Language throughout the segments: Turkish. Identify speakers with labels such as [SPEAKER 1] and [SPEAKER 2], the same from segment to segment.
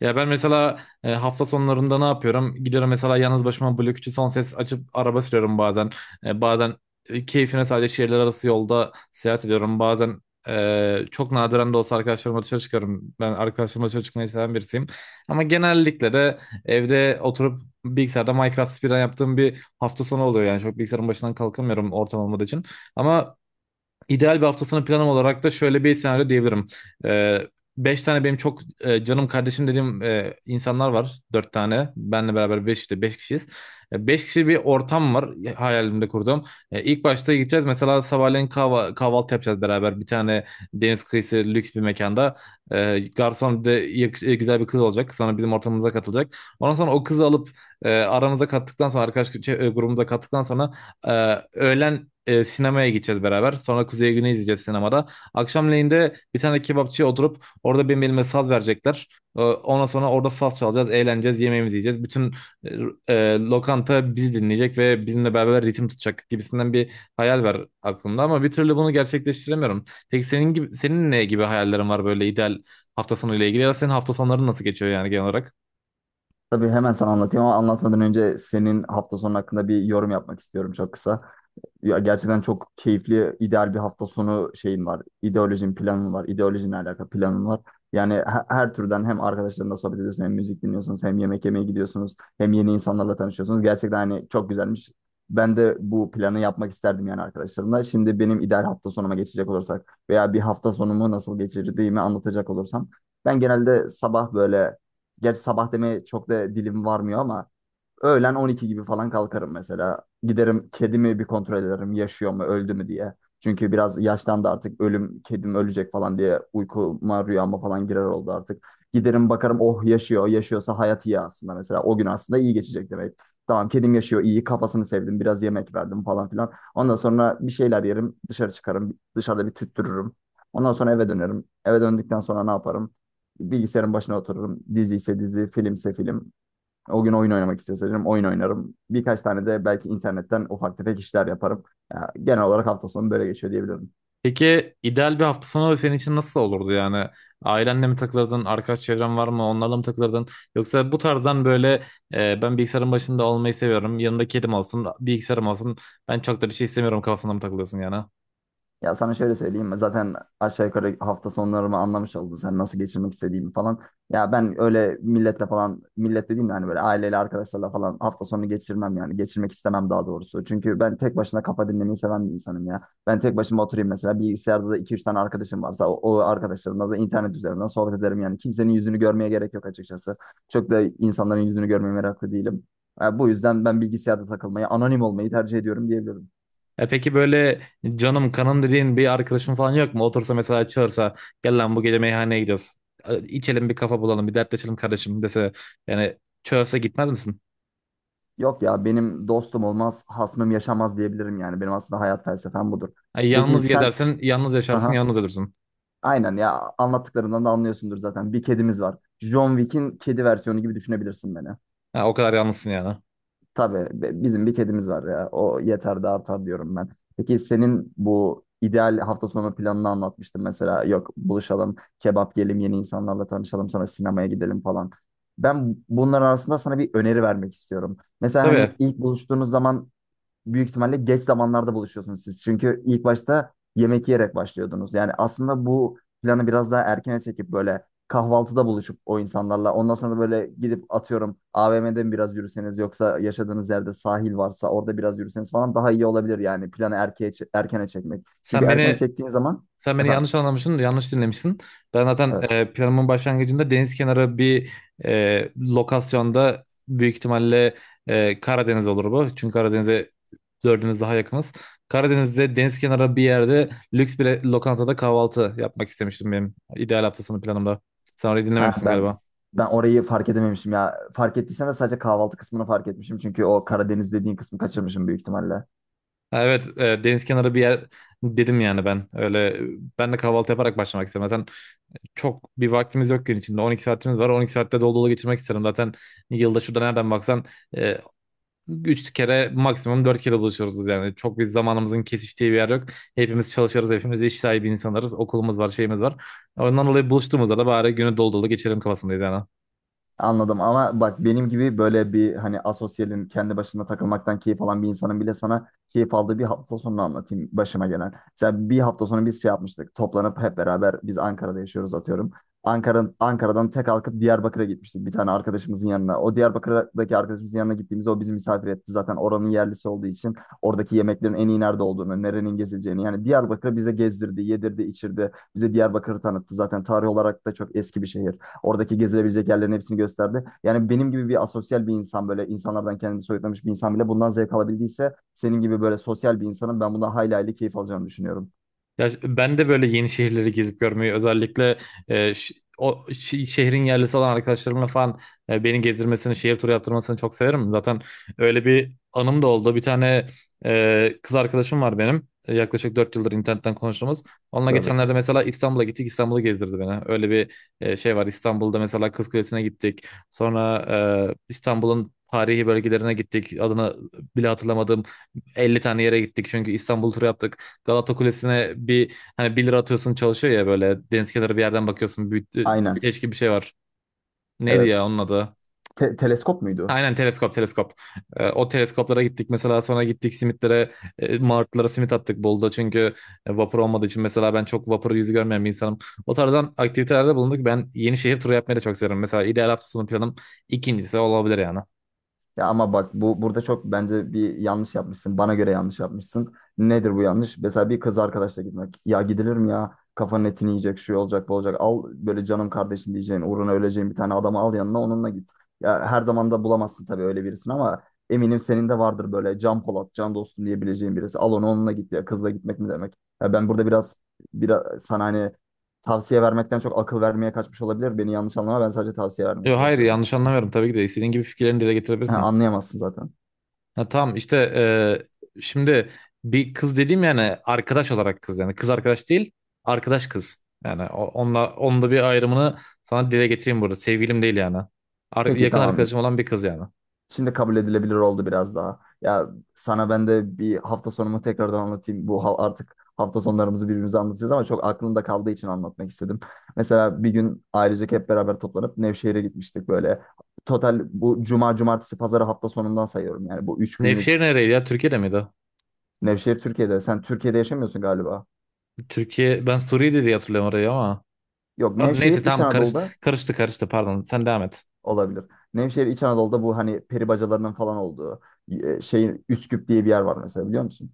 [SPEAKER 1] Ya ben mesela hafta sonlarında ne yapıyorum? Gidiyorum mesela yalnız başıma Blok 3'ü son ses açıp araba sürüyorum bazen. Bazen keyfine sadece şehirler arası yolda seyahat ediyorum. Bazen çok nadiren de olsa arkadaşlarımla dışarı çıkıyorum. Ben arkadaşlarımla dışarı çıkmayı seven birisiyim. Ama genellikle de evde oturup bilgisayarda Minecraft speedrun yaptığım bir hafta sonu oluyor. Yani çok bilgisayarın başından kalkamıyorum ortam olmadığı için. Ama İdeal bir haftasını planım olarak da şöyle bir senaryo diyebilirim. Ee, Beş tane benim çok canım kardeşim dediğim insanlar var. Dört tane. Benle beraber beş işte beş kişiyiz. Beş kişi bir ortam var hayalimde kurduğum. İlk başta gideceğiz. Mesela sabahleyin kahvaltı yapacağız beraber. Bir tane deniz kıyısı lüks bir mekanda. Garson bir de güzel bir kız olacak. Sonra bizim ortamımıza katılacak. Ondan sonra o kızı alıp aramıza kattıktan sonra grubumuza kattıktan sonra öğlen sinemaya gideceğiz beraber. Sonra Kuzey Güney izleyeceğiz sinemada. Akşamleyin de bir tane kebapçıya oturup orada benim elime saz verecekler. Ondan sonra orada saz çalacağız, eğleneceğiz, yemeğimizi yiyeceğiz. Bütün lokanta bizi dinleyecek ve bizimle beraber ritim tutacak gibisinden bir hayal var aklımda ama bir türlü bunu gerçekleştiremiyorum. Peki senin gibi senin ne gibi hayallerin var böyle ideal hafta sonu ile ilgili ya da senin hafta sonların nasıl geçiyor yani genel olarak?
[SPEAKER 2] Tabii hemen sana anlatayım ama anlatmadan önce senin hafta sonu hakkında bir yorum yapmak istiyorum, çok kısa. Ya gerçekten çok keyifli, ideal bir hafta sonu şeyim var. İdeolojim planım var. İdeolojinle alakalı planım var. Yani her türden, hem arkadaşlarınla sohbet ediyorsun, hem müzik dinliyorsunuz, hem yemek yemeye gidiyorsunuz, hem yeni insanlarla tanışıyorsunuz. Gerçekten hani çok güzelmiş. Ben de bu planı yapmak isterdim yani arkadaşlarımla. Şimdi benim ideal hafta sonuma geçecek olursak veya bir hafta sonumu nasıl geçirdiğimi anlatacak olursam ben genelde sabah böyle. Gerçi sabah demeye çok da dilim varmıyor ama öğlen 12 gibi falan kalkarım mesela. Giderim, kedimi bir kontrol ederim, yaşıyor mu öldü mü diye. Çünkü biraz yaşlandı artık, ölüm kedim ölecek falan diye uykuma rüyama falan girer oldu artık. Giderim bakarım, oh yaşıyor, yaşıyorsa hayat iyi aslında, mesela o gün aslında iyi geçecek demek. Tamam kedim yaşıyor iyi, kafasını sevdim, biraz yemek verdim falan filan. Ondan sonra bir şeyler yerim, dışarı çıkarım, dışarıda bir tüttürürüm. Ondan sonra eve dönerim. Eve döndükten sonra ne yaparım? Bilgisayarın başına otururum. Dizi ise dizi, film ise film. O gün oyun oynamak istiyorsam oyun oynarım. Birkaç tane de belki internetten ufak tefek işler yaparım. Ya, genel olarak hafta sonu böyle geçiyor diyebilirim.
[SPEAKER 1] Peki ideal bir hafta sonu senin için nasıl olurdu yani? Ailenle mi takılırdın, arkadaş çevren var mı, onlarla mı takılırdın? Yoksa bu tarzdan böyle ben bilgisayarın başında olmayı seviyorum, yanımda kedim olsun, bilgisayarım olsun, ben çok da bir şey istemiyorum kafasında mı takılıyorsun yani?
[SPEAKER 2] Ya sana şöyle söyleyeyim mi? Zaten aşağı yukarı hafta sonlarımı anlamış oldun. Sen nasıl geçirmek istediğimi falan. Ya ben öyle milletle falan, millet dediğim de hani böyle aileyle, arkadaşlarla falan hafta sonu geçirmem yani. Geçirmek istemem daha doğrusu. Çünkü ben tek başına kafa dinlemeyi seven bir insanım ya. Ben tek başıma oturayım mesela. Bilgisayarda da 2-3 tane arkadaşım varsa o arkadaşlarımla da internet üzerinden sohbet ederim yani. Kimsenin yüzünü görmeye gerek yok açıkçası. Çok da insanların yüzünü görmeye meraklı değilim. Ya bu yüzden ben bilgisayarda takılmayı, anonim olmayı tercih ediyorum diyebilirim.
[SPEAKER 1] E peki böyle canım kanım dediğin bir arkadaşın falan yok mu? Otursa mesela çağırsa gel lan bu gece meyhaneye gidiyoruz. İçelim bir kafa bulalım, bir dertleşelim kardeşim dese yani çağırsa gitmez misin?
[SPEAKER 2] Yok ya, benim dostum olmaz, hasmım yaşamaz diyebilirim yani. Benim aslında hayat felsefem budur.
[SPEAKER 1] Ay,
[SPEAKER 2] Peki
[SPEAKER 1] yalnız
[SPEAKER 2] sen,
[SPEAKER 1] gezersin, yalnız yaşarsın,
[SPEAKER 2] aha
[SPEAKER 1] yalnız ölürsün.
[SPEAKER 2] aynen ya, anlattıklarından da anlıyorsundur zaten. Bir kedimiz var. John Wick'in kedi versiyonu gibi düşünebilirsin beni.
[SPEAKER 1] Ha, o kadar yalnızsın yani.
[SPEAKER 2] Tabii bizim bir kedimiz var ya. O yeter de artar diyorum ben. Peki senin bu ideal hafta sonu planını anlatmıştın mesela. Yok buluşalım, kebap yiyelim, yeni insanlarla tanışalım, sonra sinemaya gidelim falan. Ben bunların arasında sana bir öneri vermek istiyorum. Mesela
[SPEAKER 1] Tabii.
[SPEAKER 2] hani ilk buluştuğunuz zaman büyük ihtimalle geç zamanlarda buluşuyorsunuz siz. Çünkü ilk başta yemek yiyerek başlıyordunuz. Yani aslında bu planı biraz daha erkene çekip böyle kahvaltıda buluşup o insanlarla, ondan sonra da böyle gidip atıyorum AVM'de mi biraz yürüseniz, yoksa yaşadığınız yerde sahil varsa orada biraz yürüseniz falan, daha iyi olabilir yani. Planı erkene çekmek. Çünkü
[SPEAKER 1] Sen
[SPEAKER 2] erkene
[SPEAKER 1] beni
[SPEAKER 2] çektiğin zaman
[SPEAKER 1] sen beni
[SPEAKER 2] efendim?
[SPEAKER 1] yanlış anlamışsın, yanlış dinlemişsin. Ben zaten
[SPEAKER 2] Evet.
[SPEAKER 1] planımın başlangıcında deniz kenarı bir lokasyonda büyük ihtimalle Karadeniz olur bu. Çünkü Karadeniz'e dördümüz daha yakınız. Karadeniz'de deniz kenarı bir yerde lüks bir lokantada kahvaltı yapmak istemiştim benim ideal hafta sonu planımda. Sen orayı
[SPEAKER 2] Ha
[SPEAKER 1] dinlememişsin galiba.
[SPEAKER 2] ben orayı fark edememişim ya. Fark ettiysen de sadece kahvaltı kısmını fark etmişim. Çünkü o Karadeniz dediğin kısmı kaçırmışım büyük ihtimalle.
[SPEAKER 1] Ha, evet, deniz kenarı bir yer dedim yani ben. Öyle ben de kahvaltı yaparak başlamak istedim zaten. Çok bir vaktimiz yok gün içinde. 12 saatimiz var. 12 saatte dolu dolu geçirmek isterim. Zaten yılda şurada nereden baksan e, 3 kere maksimum 4 kere buluşuyoruz yani. Çok bir zamanımızın kesiştiği bir yer yok. Hepimiz çalışırız. Hepimiz iş sahibi insanlarız. Okulumuz var, şeyimiz var. Ondan dolayı buluştuğumuzda da bari günü dolu dolu geçirelim kafasındayız yani.
[SPEAKER 2] Anladım ama bak, benim gibi böyle bir hani asosyalin, kendi başına takılmaktan keyif alan bir insanın bile, sana keyif aldığı bir hafta sonunu anlatayım başıma gelen. Mesela bir hafta sonu biz şey yapmıştık, toplanıp hep beraber, biz Ankara'da yaşıyoruz atıyorum. Ankara'dan tek kalkıp Diyarbakır'a gitmiştik, bir tane arkadaşımızın yanına. O Diyarbakır'daki arkadaşımızın yanına gittiğimizde o bizi misafir etti. Zaten oranın yerlisi olduğu için oradaki yemeklerin en iyi nerede olduğunu, nerenin gezileceğini, yani Diyarbakır'ı bize gezdirdi, yedirdi, içirdi. Bize Diyarbakır'ı tanıttı. Zaten tarih olarak da çok eski bir şehir. Oradaki gezilebilecek yerlerin hepsini gösterdi. Yani benim gibi bir asosyal bir insan, böyle insanlardan kendini soyutlamış bir insan bile bundan zevk alabildiyse, senin gibi böyle sosyal bir insanın ben bundan hayli hayli keyif alacağını düşünüyorum.
[SPEAKER 1] Ben de böyle yeni şehirleri gezip görmeyi özellikle o şehrin yerlisi olan arkadaşlarımla falan beni gezdirmesini, şehir turu yaptırmasını çok severim. Zaten öyle bir anım da oldu. Bir tane kız arkadaşım var benim. Yaklaşık 4 yıldır internetten konuştuğumuz. Onunla
[SPEAKER 2] Tövbe
[SPEAKER 1] geçenlerde
[SPEAKER 2] tövbe.
[SPEAKER 1] mesela İstanbul'a gittik. İstanbul'u gezdirdi beni. Öyle bir şey var. İstanbul'da mesela Kız Kulesi'ne gittik. Sonra İstanbul'un tarihi bölgelerine gittik. Adını bile hatırlamadığım elli tane yere gittik. Çünkü İstanbul turu yaptık. Galata Kulesi'ne bir hani 1 lira atıyorsun çalışıyor ya böyle deniz kenarı bir yerden bakıyorsun
[SPEAKER 2] Aynen.
[SPEAKER 1] büyüteç gibi bir şey var. Neydi
[SPEAKER 2] Evet.
[SPEAKER 1] ya onun adı?
[SPEAKER 2] Teleskop muydu?
[SPEAKER 1] Aynen teleskop teleskop. O teleskoplara gittik mesela sonra gittik simitlere martılara simit attık Bolu'da çünkü vapur olmadığı için mesela ben çok vapur yüzü görmeyen bir insanım. O tarzdan aktivitelerde bulunduk. Ben yeni şehir turu yapmayı da çok severim. Mesela ideal hafta sonu planım ikincisi olabilir yani.
[SPEAKER 2] Ya ama bak bu burada çok, bence bir yanlış yapmışsın. Bana göre yanlış yapmışsın. Nedir bu yanlış? Mesela bir kız arkadaşla gitmek. Ya gidilir mi ya? Kafanın etini yiyecek, şu olacak, bu olacak. Al böyle canım kardeşim diyeceğin, uğruna öleceğin bir tane adamı al yanına, onunla git. Ya her zaman da bulamazsın tabii öyle birisini ama eminim senin de vardır böyle can Polat, can dostum diyebileceğin birisi. Al onu, onunla git ya. Kızla gitmek mi demek? Ya ben burada biraz sana hani tavsiye vermekten çok akıl vermeye kaçmış olabilir. Beni yanlış anlama. Ben sadece tavsiye vermeye
[SPEAKER 1] Yo, hayır
[SPEAKER 2] çalışıyorum.
[SPEAKER 1] yanlış anlamıyorum. Tabii ki de istediğin gibi fikirlerini dile getirebilirsin.
[SPEAKER 2] Anlayamazsın zaten.
[SPEAKER 1] Ha, tamam işte şimdi bir kız dediğim yani arkadaş olarak kız yani kız arkadaş değil arkadaş kız. Yani onunla onun da bir ayrımını sana dile getireyim burada. Sevgilim değil yani.
[SPEAKER 2] Peki
[SPEAKER 1] Yakın
[SPEAKER 2] tamam.
[SPEAKER 1] arkadaşım olan bir kız yani.
[SPEAKER 2] Şimdi kabul edilebilir oldu biraz daha. Ya sana ben de bir hafta sonumu tekrardan anlatayım. Bu artık hafta sonlarımızı birbirimize anlatacağız ama çok aklımda kaldığı için anlatmak istedim. Mesela bir gün ailecek hep beraber toplanıp Nevşehir'e gitmiştik böyle. Total bu cuma, cumartesi, pazarı hafta sonundan sayıyorum. Yani bu üç günlük.
[SPEAKER 1] Nevşehir nereydi ya? Türkiye'de miydi? O?
[SPEAKER 2] Nevşehir Türkiye'de. Sen Türkiye'de yaşamıyorsun galiba.
[SPEAKER 1] Türkiye, ben Suriye'de diye hatırlıyorum orayı ama.
[SPEAKER 2] Yok,
[SPEAKER 1] Hadi
[SPEAKER 2] Nevşehir
[SPEAKER 1] neyse
[SPEAKER 2] İç
[SPEAKER 1] tamam
[SPEAKER 2] Anadolu'da
[SPEAKER 1] karıştı karıştı pardon sen devam et.
[SPEAKER 2] olabilir. Nevşehir İç Anadolu'da, bu hani peri bacalarının falan olduğu şey, Üsküp diye bir yer var mesela, biliyor musun?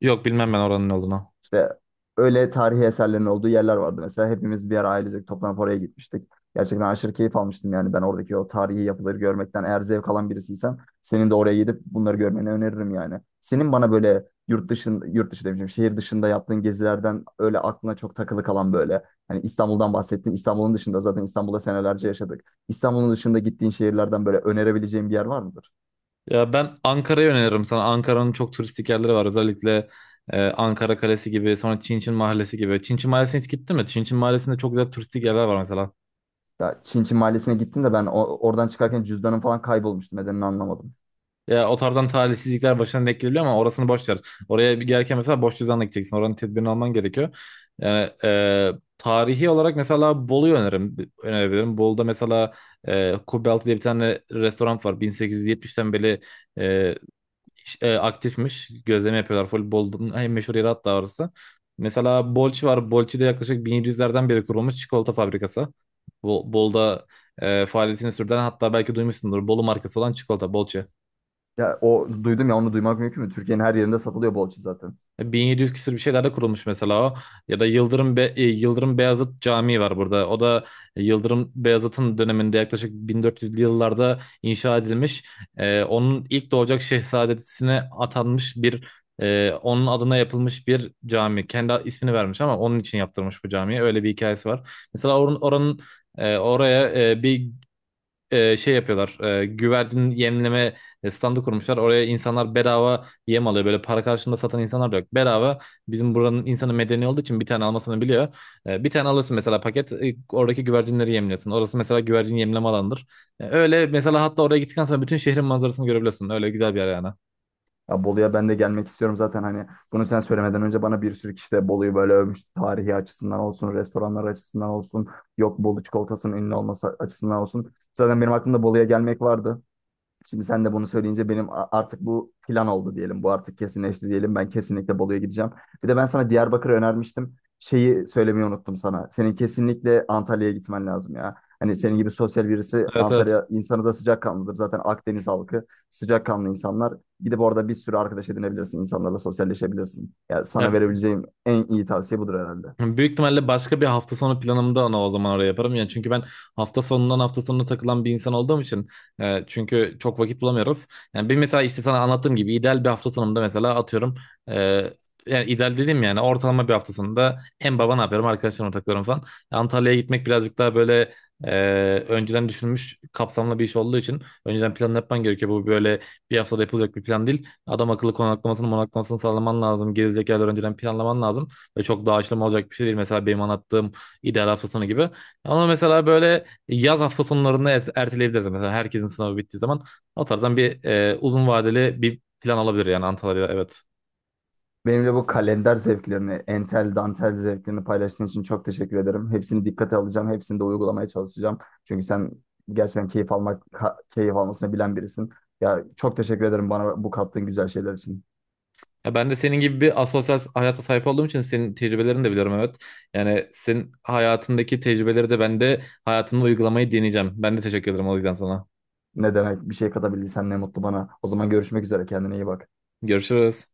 [SPEAKER 1] Yok bilmem ben oranın ne olduğunu.
[SPEAKER 2] İşte öyle tarihi eserlerin olduğu yerler vardı. Mesela hepimiz bir ara ailecek toplanıp oraya gitmiştik. Gerçekten aşırı keyif almıştım yani, ben oradaki o tarihi yapıları görmekten. Eğer zevk alan birisiysen senin de oraya gidip bunları görmeni öneririm yani. Senin bana böyle yurt dışında, yurt dışı demişim, şehir dışında yaptığın gezilerden öyle aklına çok takılı kalan böyle. Hani İstanbul'dan bahsettin. İstanbul'un dışında, zaten İstanbul'da senelerce yaşadık. İstanbul'un dışında gittiğin şehirlerden böyle önerebileceğin bir yer var mıdır?
[SPEAKER 1] Ya ben Ankara'yı öneririm sana. Ankara'nın çok turistik yerleri var. Özellikle Ankara Kalesi gibi, sonra Çin Çin Mahallesi gibi. Çin Çin Mahallesi'ne hiç gittin mi? Çin Çin Mahallesi'nde çok güzel turistik yerler var mesela.
[SPEAKER 2] Ya Çinçin Mahallesi'ne gittim de ben oradan çıkarken cüzdanım falan kaybolmuştu. Nedenini anlamadım.
[SPEAKER 1] Ya o tarzdan talihsizlikler başına denk gelebiliyor ama orasını boş ver. Oraya bir gelirken mesela boş cüzdanla gideceksin. Oranın tedbirini alman gerekiyor. Yani tarihi olarak mesela Bolu'yu öneririm, önerebilirim. Bolu'da mesela Kubbe Altı diye bir tane restoran var. 1870'ten beri e, aktifmiş. Gözleme yapıyorlar. Voleybolun en meşhur yeri hatta orası. Mesela Bolçi var. Bolçi'de yaklaşık 1700'lerden beri kurulmuş çikolata fabrikası. Bol'da faaliyetini sürdüren hatta belki duymuşsundur. Bolu markası olan çikolata Bolçi.
[SPEAKER 2] Ya o duydum ya, onu duymak mümkün mü? Türkiye'nin her yerinde satılıyor bolça zaten.
[SPEAKER 1] 1700 küsur bir şeylerde kurulmuş mesela o. Ya da Yıldırım Beyazıt Camii var burada. O da Yıldırım Beyazıt'ın döneminde yaklaşık 1400'lü yıllarda inşa edilmiş. Onun ilk doğacak şehzadesine atanmış bir onun adına yapılmış bir cami. Kendi ismini vermiş ama onun için yaptırmış bu camiyi. Öyle bir hikayesi var. Mesela oranın oraya bir şey yapıyorlar. Güvercin yemleme standı kurmuşlar. Oraya insanlar bedava yem alıyor. Böyle para karşılığında satan insanlar da yok. Bedava bizim buranın insanı medeni olduğu için bir tane almasını biliyor. Bir tane alırsın mesela paket. Oradaki güvercinleri yemliyorsun. Orası mesela güvercin yemleme alanıdır. Öyle mesela hatta oraya gittikten sonra bütün şehrin manzarasını görebiliyorsun. Öyle güzel bir yer yani.
[SPEAKER 2] Ya Bolu'ya ben de gelmek istiyorum zaten, hani bunu sen söylemeden önce bana bir sürü kişi de Bolu'yu böyle övmüş. Tarihi açısından olsun, restoranlar açısından olsun, yok Bolu çikolatasının ünlü olması açısından olsun. Zaten benim aklımda Bolu'ya gelmek vardı. Şimdi sen de bunu söyleyince benim artık bu plan oldu diyelim. Bu artık kesinleşti diyelim. Ben kesinlikle Bolu'ya gideceğim. Bir de ben sana Diyarbakır'ı önermiştim. Şeyi söylemeyi unuttum sana. Senin kesinlikle Antalya'ya gitmen lazım ya. Hani senin gibi sosyal birisi,
[SPEAKER 1] Evet, evet.
[SPEAKER 2] Antalya insanı da sıcakkanlıdır. Zaten Akdeniz halkı sıcakkanlı insanlar. Gidip orada bir sürü arkadaş edinebilirsin. İnsanlarla sosyalleşebilirsin. Ya
[SPEAKER 1] Ya
[SPEAKER 2] sana verebileceğim en iyi tavsiye budur herhalde.
[SPEAKER 1] büyük ihtimalle başka bir hafta sonu planımda onu o zaman oraya yaparım. Yani çünkü ben hafta sonundan hafta sonuna takılan bir insan olduğum için çünkü çok vakit bulamıyoruz. Yani benim mesela işte sana anlattığım gibi ideal bir hafta sonunda mesela atıyorum e, yani ideal dedim yani ortalama bir hafta sonunda en baba ne yapıyorum arkadaşlarımla takılıyorum falan. Antalya'ya gitmek birazcık daha böyle e, önceden düşünülmüş kapsamlı bir iş olduğu için önceden planını yapman gerekiyor. Bu böyle bir haftada yapılacak bir plan değil. Adam akıllı konaklamasını monaklamasını sağlaman lazım. Gezilecek yerler önceden planlaman lazım. Ve çok da aşılama olacak bir şey değil. Mesela benim anlattığım ideal hafta sonu gibi. Ama mesela böyle yaz hafta sonlarını erteleyebiliriz. Mesela herkesin sınavı bittiği zaman o tarzdan bir uzun vadeli bir plan olabilir yani Antalya'da evet.
[SPEAKER 2] Benimle bu kalender zevklerini, entel dantel zevklerini paylaştığın için çok teşekkür ederim. Hepsini dikkate alacağım, hepsini de uygulamaya çalışacağım. Çünkü sen gerçekten keyif almak, keyif almasını bilen birisin. Ya çok teşekkür ederim bana bu kattığın güzel şeyler için.
[SPEAKER 1] Ya ben de senin gibi bir asosyal hayata sahip olduğum için senin tecrübelerini de biliyorum evet. Yani senin hayatındaki tecrübeleri de ben de hayatımda uygulamayı deneyeceğim. Ben de teşekkür ederim o yüzden sana.
[SPEAKER 2] Ne demek, bir şey katabildiysem ne mutlu bana. O zaman görüşmek üzere, kendine iyi bak.
[SPEAKER 1] Görüşürüz.